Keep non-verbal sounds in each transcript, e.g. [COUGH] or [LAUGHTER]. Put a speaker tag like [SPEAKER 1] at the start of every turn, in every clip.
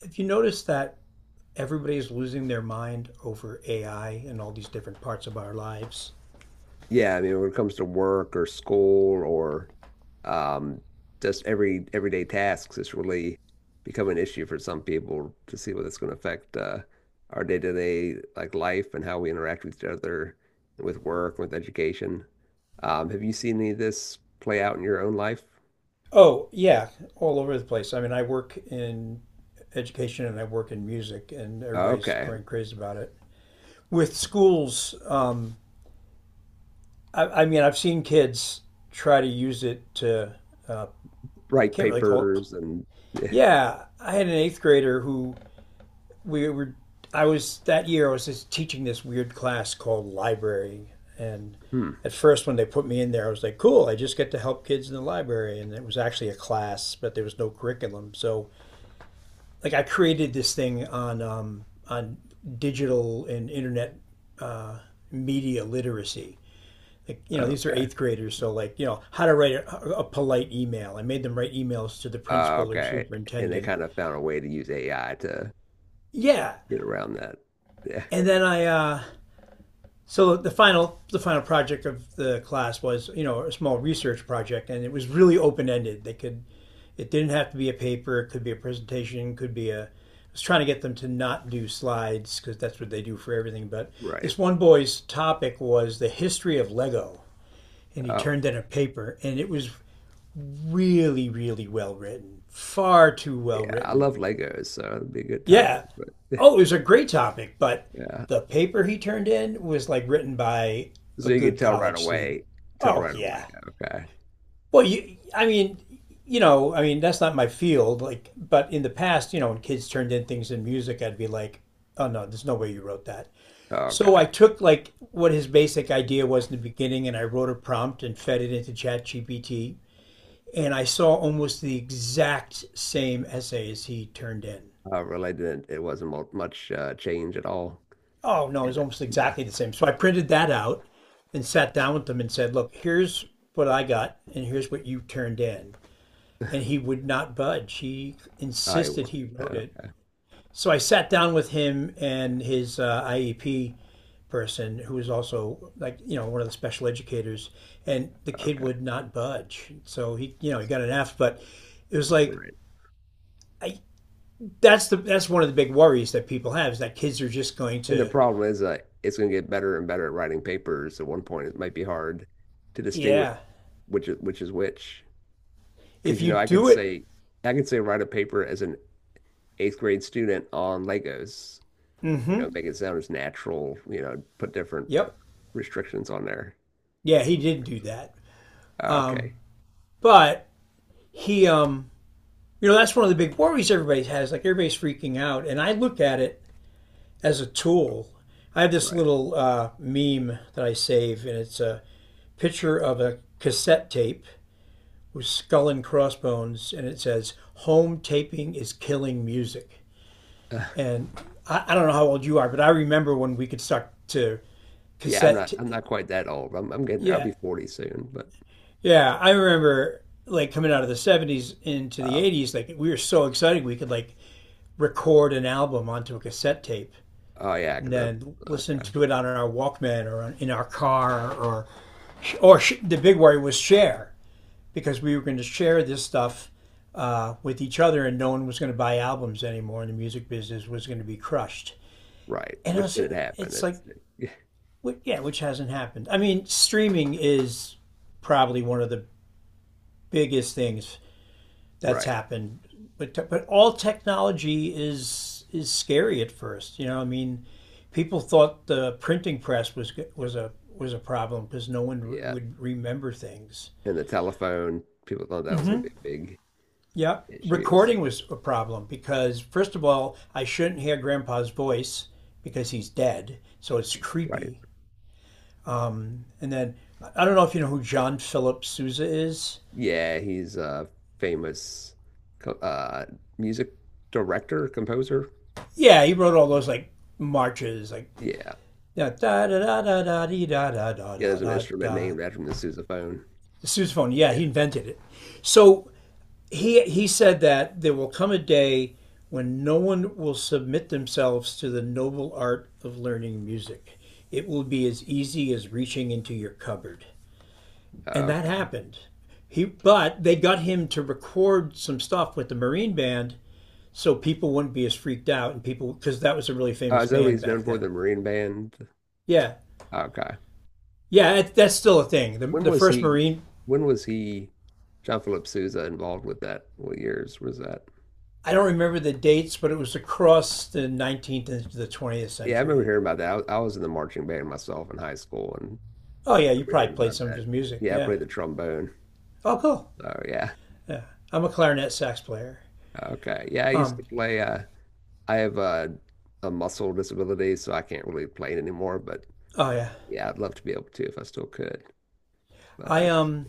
[SPEAKER 1] Have you noticed that everybody is losing their mind over AI and all these different parts of our lives?
[SPEAKER 2] Yeah, I mean, when it comes to work or school or um, just everyday tasks, it's really become an issue for some people to see what it's going to affect our day-to-day like life and how we interact with each other, with work, with education. Have you seen any of this play out in your own life?
[SPEAKER 1] Oh, yeah, all over the place. I mean, I work in education and I work in music, and everybody's
[SPEAKER 2] Okay,
[SPEAKER 1] going crazy about it. With schools, I mean, I've seen kids try to use it to,
[SPEAKER 2] write
[SPEAKER 1] can't really call
[SPEAKER 2] papers
[SPEAKER 1] it.
[SPEAKER 2] and yeah.
[SPEAKER 1] Yeah, I had an eighth grader who we were I was that year I was just teaching this weird class called library, and
[SPEAKER 2] Hmm.
[SPEAKER 1] at first when they put me in there I was like, cool, I just get to help kids in the library, and it was actually a class but there was no curriculum. So like I created this thing on on digital and internet uh, media literacy. Like, you know, these are
[SPEAKER 2] Okay.
[SPEAKER 1] eighth graders, so like, you know, how to write a polite email. I made them write emails to the principal or
[SPEAKER 2] Okay, and they
[SPEAKER 1] superintendent.
[SPEAKER 2] kind of found a way to use AI to
[SPEAKER 1] Yeah.
[SPEAKER 2] get around that. Yeah,
[SPEAKER 1] And then, I so the final project of the class was, you know, a small research project, and it was really open ended. They could, it didn't have to be a paper. It could be a presentation. Could be a I was trying to get them to not do slides because that's what they do for everything. But
[SPEAKER 2] right.
[SPEAKER 1] this one boy's topic was the history of Lego, and he
[SPEAKER 2] Oh.
[SPEAKER 1] turned in a paper, and it was really, really well written. Far too well
[SPEAKER 2] Yeah, I love
[SPEAKER 1] written.
[SPEAKER 2] Legos, so it'd be a good topic.
[SPEAKER 1] Yeah.
[SPEAKER 2] But
[SPEAKER 1] Oh,
[SPEAKER 2] [LAUGHS]
[SPEAKER 1] it was a great topic, but
[SPEAKER 2] yeah,
[SPEAKER 1] the paper he turned in was like written by
[SPEAKER 2] so
[SPEAKER 1] a
[SPEAKER 2] you can
[SPEAKER 1] good
[SPEAKER 2] tell right
[SPEAKER 1] college student.
[SPEAKER 2] away. Tell
[SPEAKER 1] Oh,
[SPEAKER 2] right away.
[SPEAKER 1] yeah.
[SPEAKER 2] Okay.
[SPEAKER 1] Well, I mean, you know, I mean, that's not my field. Like, but in the past, you know, when kids turned in things in music, I'd be like, oh no, there's no way you wrote that. So
[SPEAKER 2] Okay.
[SPEAKER 1] I took like what his basic idea was in the beginning, and I wrote a prompt and fed it into ChatGPT. And I saw almost the exact same essay as he turned in.
[SPEAKER 2] Related, it wasn't much change at all.
[SPEAKER 1] Oh, no, it
[SPEAKER 2] In
[SPEAKER 1] was
[SPEAKER 2] it?
[SPEAKER 1] almost
[SPEAKER 2] No.
[SPEAKER 1] exactly the same. So I printed that out and sat down with them and said, look, here's what I got and here's what you turned in. And he would not budge. He
[SPEAKER 2] I w-
[SPEAKER 1] insisted he wrote
[SPEAKER 2] okay.
[SPEAKER 1] it. So I sat down with him and his IEP person, who was also like, you know, one of the special educators, and the kid
[SPEAKER 2] Okay.
[SPEAKER 1] would not budge. So he, you know, he got an F, but it was like,
[SPEAKER 2] Right.
[SPEAKER 1] I, that's one of the big worries that people have, is that kids are just going
[SPEAKER 2] And the
[SPEAKER 1] to.
[SPEAKER 2] problem is, it's going to get better and better at writing papers. At one point, it might be hard to distinguish
[SPEAKER 1] Yeah.
[SPEAKER 2] which is which. Because
[SPEAKER 1] If you
[SPEAKER 2] I could
[SPEAKER 1] do it.
[SPEAKER 2] say, I could say write a paper as an eighth grade student on Legos. you know,
[SPEAKER 1] Mm-hmm.
[SPEAKER 2] make it sound as natural, put different
[SPEAKER 1] Yep.
[SPEAKER 2] restrictions on there.
[SPEAKER 1] Yeah, he did do that.
[SPEAKER 2] Uh,
[SPEAKER 1] Um,
[SPEAKER 2] Okay.
[SPEAKER 1] but he, um, you know, that's one of the big worries everybody has. Like, everybody's freaking out, and I look at it as a tool. I have this
[SPEAKER 2] Right. [LAUGHS]
[SPEAKER 1] little meme that I save, and it's a picture of a cassette tape with skull and crossbones, and it says, "Home taping is killing music."
[SPEAKER 2] Uh,
[SPEAKER 1] And I don't know how old you are, but I remember when we could suck to
[SPEAKER 2] yeah, I'm
[SPEAKER 1] cassette.
[SPEAKER 2] not quite that old. I'm getting there. I'll
[SPEAKER 1] Yeah.
[SPEAKER 2] be 40 soon, but
[SPEAKER 1] Yeah, I remember like coming out of the 70s into the
[SPEAKER 2] uh,
[SPEAKER 1] 80s, like we were so excited we could like record an album onto a cassette tape
[SPEAKER 2] oh yeah,
[SPEAKER 1] and
[SPEAKER 2] because that's
[SPEAKER 1] then listen
[SPEAKER 2] okay.
[SPEAKER 1] to it on our Walkman, or in our car, or the big worry was share, because we were going to share this stuff with each other, and no one was going to buy albums anymore, and the music business was going to be crushed.
[SPEAKER 2] Right.
[SPEAKER 1] And I
[SPEAKER 2] Which
[SPEAKER 1] was,
[SPEAKER 2] didn't happen.
[SPEAKER 1] it's like,
[SPEAKER 2] It's [LAUGHS]
[SPEAKER 1] yeah, which hasn't happened. I mean, streaming is probably one of the biggest things that's
[SPEAKER 2] right.
[SPEAKER 1] happened. But all technology is scary at first. You know, I mean, people thought the printing press was a problem because no one
[SPEAKER 2] Yeah.
[SPEAKER 1] would remember things.
[SPEAKER 2] And the telephone, people thought that was going to be a big
[SPEAKER 1] Yeah,
[SPEAKER 2] issue. So,
[SPEAKER 1] recording was a problem because, first of all, I shouldn't hear Grandpa's voice because he's dead, so it's
[SPEAKER 2] right.
[SPEAKER 1] creepy. And then I don't know if you know who John Philip Sousa is.
[SPEAKER 2] Yeah, he's a famous co- uh music director, composer.
[SPEAKER 1] Yeah, he wrote all those like marches, like
[SPEAKER 2] Yeah.
[SPEAKER 1] da da da da da da da da
[SPEAKER 2] Yeah,
[SPEAKER 1] da
[SPEAKER 2] there's an
[SPEAKER 1] da
[SPEAKER 2] instrument
[SPEAKER 1] da.
[SPEAKER 2] named after him, the sousaphone.
[SPEAKER 1] The sousaphone, yeah,
[SPEAKER 2] Yeah.
[SPEAKER 1] he invented it. So he said that there will come a day when no one will submit themselves to the noble art of learning music. It will be as easy as reaching into your cupboard.
[SPEAKER 2] Oh,
[SPEAKER 1] And that
[SPEAKER 2] okay.
[SPEAKER 1] happened. He But they got him to record some stuff with the Marine band so people wouldn't be as freaked out, and people, because that was a really famous
[SPEAKER 2] Is that what
[SPEAKER 1] band
[SPEAKER 2] he's
[SPEAKER 1] back
[SPEAKER 2] known for? The
[SPEAKER 1] then.
[SPEAKER 2] Marine Band?
[SPEAKER 1] Yeah.
[SPEAKER 2] Okay.
[SPEAKER 1] Yeah, that's still a thing. The,
[SPEAKER 2] When
[SPEAKER 1] the
[SPEAKER 2] was
[SPEAKER 1] first
[SPEAKER 2] he?
[SPEAKER 1] Marine.
[SPEAKER 2] When was he? John Philip Sousa involved with that? What years was that?
[SPEAKER 1] I don't remember the dates, but it was across the 19th and the 20th
[SPEAKER 2] Yeah, I remember
[SPEAKER 1] century.
[SPEAKER 2] hearing about that. I was in the marching band myself in high school, and
[SPEAKER 1] Oh yeah,
[SPEAKER 2] I
[SPEAKER 1] you
[SPEAKER 2] remember hearing
[SPEAKER 1] probably played
[SPEAKER 2] about
[SPEAKER 1] some of
[SPEAKER 2] that.
[SPEAKER 1] his music.
[SPEAKER 2] Yeah, I
[SPEAKER 1] Yeah.
[SPEAKER 2] played the trombone.
[SPEAKER 1] Oh cool.
[SPEAKER 2] Oh yeah.
[SPEAKER 1] I'm a clarinet sax player.
[SPEAKER 2] Okay. Yeah, I used
[SPEAKER 1] Um.
[SPEAKER 2] to play. I have a muscle disability, so I can't really play it anymore. But
[SPEAKER 1] Oh yeah.
[SPEAKER 2] yeah, I'd love to be able to if I still could. But I
[SPEAKER 1] I
[SPEAKER 2] just.
[SPEAKER 1] um.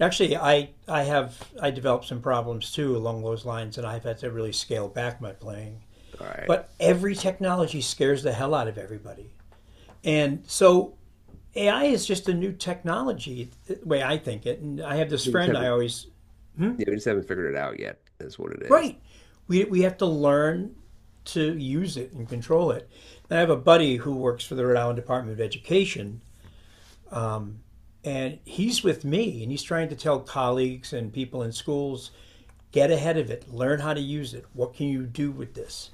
[SPEAKER 1] Actually, I developed some problems too along those lines, and I've had to really scale back my playing.
[SPEAKER 2] All right.
[SPEAKER 1] But every technology scares the hell out of everybody, and so AI is just a new technology, the way I think it. And I have this
[SPEAKER 2] We just
[SPEAKER 1] friend I
[SPEAKER 2] haven't.
[SPEAKER 1] always.
[SPEAKER 2] Yeah, we just haven't figured it out yet. Is what it is.
[SPEAKER 1] Right. We have to learn to use it and control it. And I have a buddy who works for the Rhode Island Department of Education, and he's with me, and he's trying to tell colleagues and people in schools, get ahead of it, learn how to use it. What can you do with this?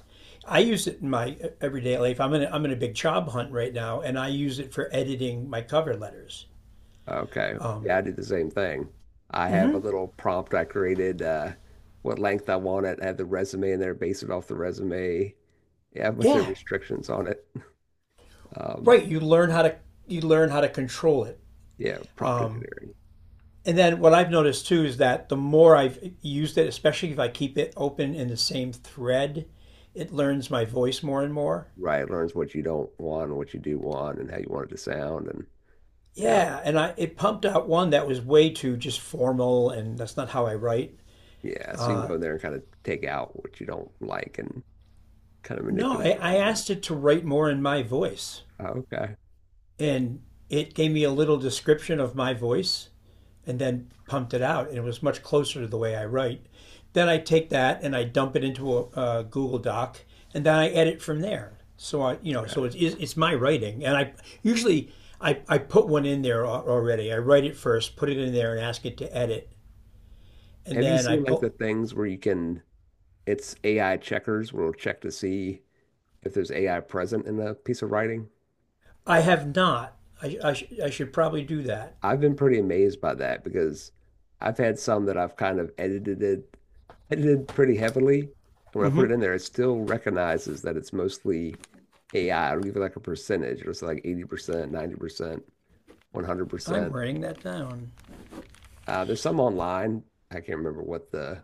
[SPEAKER 1] I use it in my everyday life. I'm in a big job hunt right now, and I use it for editing my cover letters.
[SPEAKER 2] Okay. Yeah, I do the same thing. I have a little prompt I created, what length I want it. I have the resume in there, base it off the resume. Yeah, I have a bunch of
[SPEAKER 1] Yeah,
[SPEAKER 2] restrictions on it. Um,
[SPEAKER 1] right. You learn how to control it.
[SPEAKER 2] yeah, prompt engineering.
[SPEAKER 1] And then what I've noticed too is that the more I've used it, especially if I keep it open in the same thread, it learns my voice more and more.
[SPEAKER 2] Right. It learns what you don't want and what you do want and how you want it to sound. And yeah,
[SPEAKER 1] Yeah, and I it pumped out one that was way too just formal, and that's not how I write.
[SPEAKER 2] yeah. So you can go in there and kind of take out what you don't like and kind of
[SPEAKER 1] No,
[SPEAKER 2] manipulate
[SPEAKER 1] I,
[SPEAKER 2] it
[SPEAKER 1] I
[SPEAKER 2] like that.
[SPEAKER 1] asked it to write more in my voice.
[SPEAKER 2] Oh, okay.
[SPEAKER 1] And it gave me a little description of my voice and then pumped it out, and it was much closer to the way I write. Then I take that and I dump it into a Google Doc, and then I edit from there. So I, you know, so
[SPEAKER 2] Okay.
[SPEAKER 1] it's my writing. And I usually, I put one in there already. I write it first, put it in there, and ask it to edit, and
[SPEAKER 2] Have you
[SPEAKER 1] then I
[SPEAKER 2] seen like
[SPEAKER 1] put.
[SPEAKER 2] the things where you can, it's AI checkers where it'll check to see if there's AI present in a piece of writing.
[SPEAKER 1] I have not. I should probably do that.
[SPEAKER 2] I've been pretty amazed by that because I've had some that I've kind of edited pretty heavily. And when I put
[SPEAKER 1] Mm-hmm.
[SPEAKER 2] it in there, it still recognizes that it's mostly AI. It'll give it like a percentage. It'll say like 80%, 90%,
[SPEAKER 1] I'm
[SPEAKER 2] 100%.
[SPEAKER 1] writing that down.
[SPEAKER 2] There's some online. I can't remember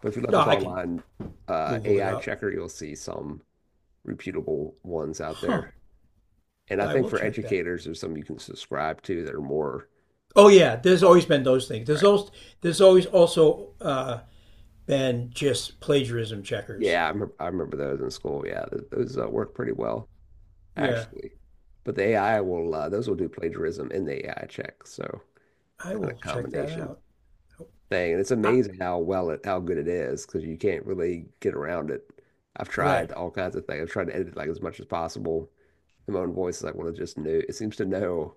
[SPEAKER 2] but if you look
[SPEAKER 1] No,
[SPEAKER 2] up
[SPEAKER 1] I can
[SPEAKER 2] online,
[SPEAKER 1] Google it
[SPEAKER 2] AI
[SPEAKER 1] up.
[SPEAKER 2] checker, you'll see some reputable ones out
[SPEAKER 1] Huh?
[SPEAKER 2] there. And I
[SPEAKER 1] I
[SPEAKER 2] think
[SPEAKER 1] will
[SPEAKER 2] for
[SPEAKER 1] check that.
[SPEAKER 2] educators, there's some you can subscribe to that are more.
[SPEAKER 1] Oh yeah, there's always been those things. There's always also been just plagiarism checkers.
[SPEAKER 2] Yeah, I remember those in school. Yeah, those work pretty well,
[SPEAKER 1] Yeah,
[SPEAKER 2] actually. But the AI will, those will do plagiarism in the AI check. So
[SPEAKER 1] I
[SPEAKER 2] kind
[SPEAKER 1] will
[SPEAKER 2] of
[SPEAKER 1] check that
[SPEAKER 2] combination
[SPEAKER 1] out.
[SPEAKER 2] thing. And it's
[SPEAKER 1] I,
[SPEAKER 2] amazing how good it is because you can't really get around it. I've
[SPEAKER 1] right?
[SPEAKER 2] tried all kinds of things. I've tried to edit like as much as possible in my own voice. Is like, well, it seems to know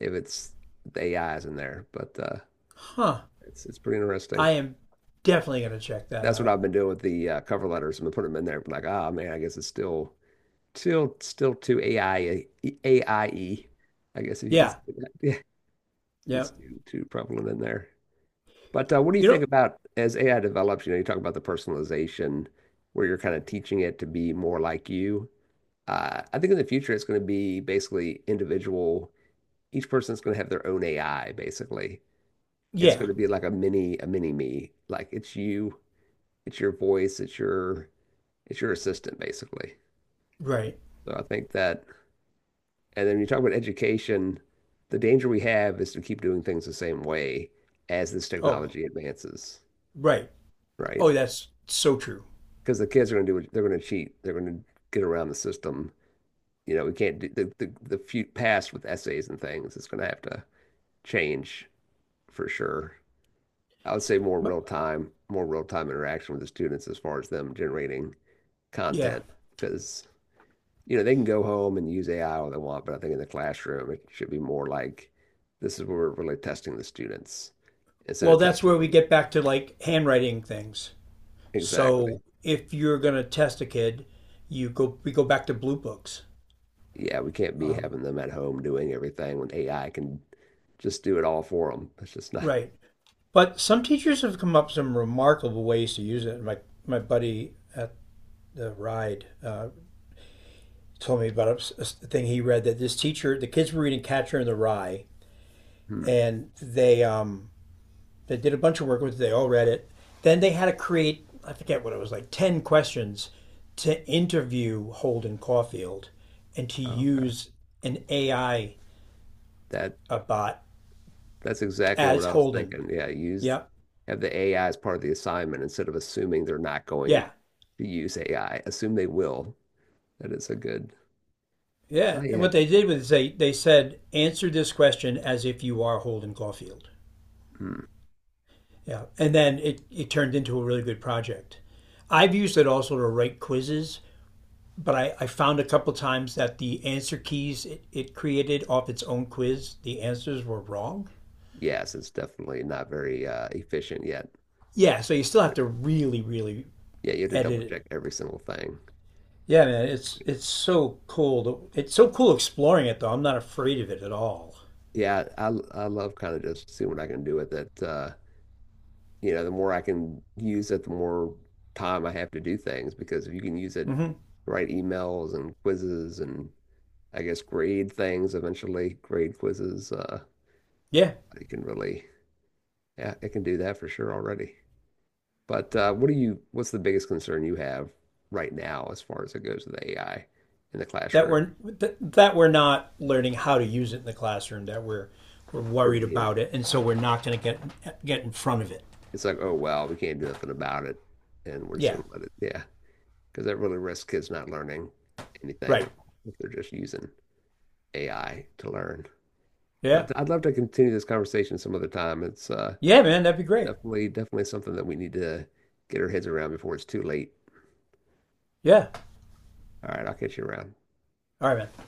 [SPEAKER 2] if it's the AI is in there. But
[SPEAKER 1] Huh?
[SPEAKER 2] it's pretty interesting.
[SPEAKER 1] I am definitely gonna check that
[SPEAKER 2] That's what
[SPEAKER 1] out.
[SPEAKER 2] I've been doing with the cover letters. I'm gonna put them in there. Like, ah, man, I guess it's still too AI AIE, I E, I guess if you can say
[SPEAKER 1] Yeah,
[SPEAKER 2] that. [LAUGHS] Yeah,
[SPEAKER 1] yeah.
[SPEAKER 2] it's too prevalent in there. But what do you
[SPEAKER 1] You know,
[SPEAKER 2] think about as AI develops? You talk about the personalization where you're kind of teaching it to be more like you. I think in the future it's going to be basically individual. Each person's going to have their own AI, basically. It's
[SPEAKER 1] yeah.
[SPEAKER 2] going to be like a mini me. Like it's you, it's your voice, it's your assistant, basically.
[SPEAKER 1] Right.
[SPEAKER 2] So I think that. And then when you talk about education, the danger we have is to keep doing things the same way as this
[SPEAKER 1] Oh,
[SPEAKER 2] technology advances,
[SPEAKER 1] right.
[SPEAKER 2] right?
[SPEAKER 1] Oh, that's so true.
[SPEAKER 2] Because the kids are going to do it, they're going to cheat, they're going to get around the system. We can't do the few past with essays and things, it's going to have to change for sure. I would say more
[SPEAKER 1] But,
[SPEAKER 2] real time, more real time interaction with the students as far as them generating
[SPEAKER 1] yeah.
[SPEAKER 2] content because they can go home and use AI all they want, but I think in the classroom, it should be more like this is where we're really testing the students instead
[SPEAKER 1] Well,
[SPEAKER 2] of
[SPEAKER 1] that's
[SPEAKER 2] testing
[SPEAKER 1] where we
[SPEAKER 2] them.
[SPEAKER 1] get back to like handwriting things. So
[SPEAKER 2] Exactly.
[SPEAKER 1] if you're gonna test a kid, you go we go back to blue books.
[SPEAKER 2] Yeah, we can't be
[SPEAKER 1] Um,
[SPEAKER 2] having them at home doing everything when AI can just do it all for them. That's just not. [LAUGHS]
[SPEAKER 1] right. But some teachers have come up with some remarkable ways to use it. My buddy at the RIDE told me about a thing he read, that this teacher, the kids were reading Catcher in the Rye,
[SPEAKER 2] Hmm.
[SPEAKER 1] and they did a bunch of work with it. They all read it. Then they had to create, I forget what it was, like 10 questions to interview Holden Caulfield and to
[SPEAKER 2] Okay.
[SPEAKER 1] use an AI,
[SPEAKER 2] That
[SPEAKER 1] a I bot,
[SPEAKER 2] that's exactly what
[SPEAKER 1] as
[SPEAKER 2] I was
[SPEAKER 1] Holden.
[SPEAKER 2] thinking. Yeah, use
[SPEAKER 1] Yeah,
[SPEAKER 2] have the AI as part of the assignment instead of assuming they're not going
[SPEAKER 1] yeah.
[SPEAKER 2] to use AI. Assume they will. That is a good. Oh
[SPEAKER 1] Yeah, and
[SPEAKER 2] yeah.
[SPEAKER 1] what they did was, they said, answer this question as if you are Holden Caulfield.
[SPEAKER 2] Hmm.
[SPEAKER 1] Yeah, and then it turned into a really good project. I've used it also to write quizzes, but I found a couple times that the answer keys, it created off its own quiz, the answers were wrong.
[SPEAKER 2] Yes, it's definitely not very efficient yet.
[SPEAKER 1] Yeah, so you still have
[SPEAKER 2] Point.
[SPEAKER 1] to really, really
[SPEAKER 2] Yeah, you have to double
[SPEAKER 1] edit it.
[SPEAKER 2] check every single thing
[SPEAKER 1] Yeah,
[SPEAKER 2] at
[SPEAKER 1] man,
[SPEAKER 2] this
[SPEAKER 1] it's
[SPEAKER 2] point.
[SPEAKER 1] it's so cool. It's so cool exploring it though. I'm not afraid of it at all.
[SPEAKER 2] Yeah, I love kind of just seeing what I can do with it. The more I can use it, the more time I have to do things because if you can use it, to
[SPEAKER 1] Hmm.
[SPEAKER 2] write emails and quizzes and I guess grade things eventually, grade quizzes.
[SPEAKER 1] Yeah.
[SPEAKER 2] It can really, yeah, it can do that for sure already. But what's the biggest concern you have right now as far as it goes with AI in the
[SPEAKER 1] That
[SPEAKER 2] classroom?
[SPEAKER 1] we're that, we're not learning how to use it in the classroom. That we're
[SPEAKER 2] We're
[SPEAKER 1] worried about
[SPEAKER 2] being
[SPEAKER 1] it, and so we're not going to get in front of it.
[SPEAKER 2] It's like, oh well, we can't do nothing about it and we're just
[SPEAKER 1] Yeah,
[SPEAKER 2] gonna let it. Yeah, because that really risks kids not learning anything
[SPEAKER 1] right.
[SPEAKER 2] at all if they're just using AI to learn. But
[SPEAKER 1] Yeah,
[SPEAKER 2] I'd love to continue this conversation some other time. It's
[SPEAKER 1] yeah, man, that'd be great.
[SPEAKER 2] definitely something that we need to get our heads around before it's too late.
[SPEAKER 1] Yeah,
[SPEAKER 2] All right, I'll catch you around.
[SPEAKER 1] all right, man.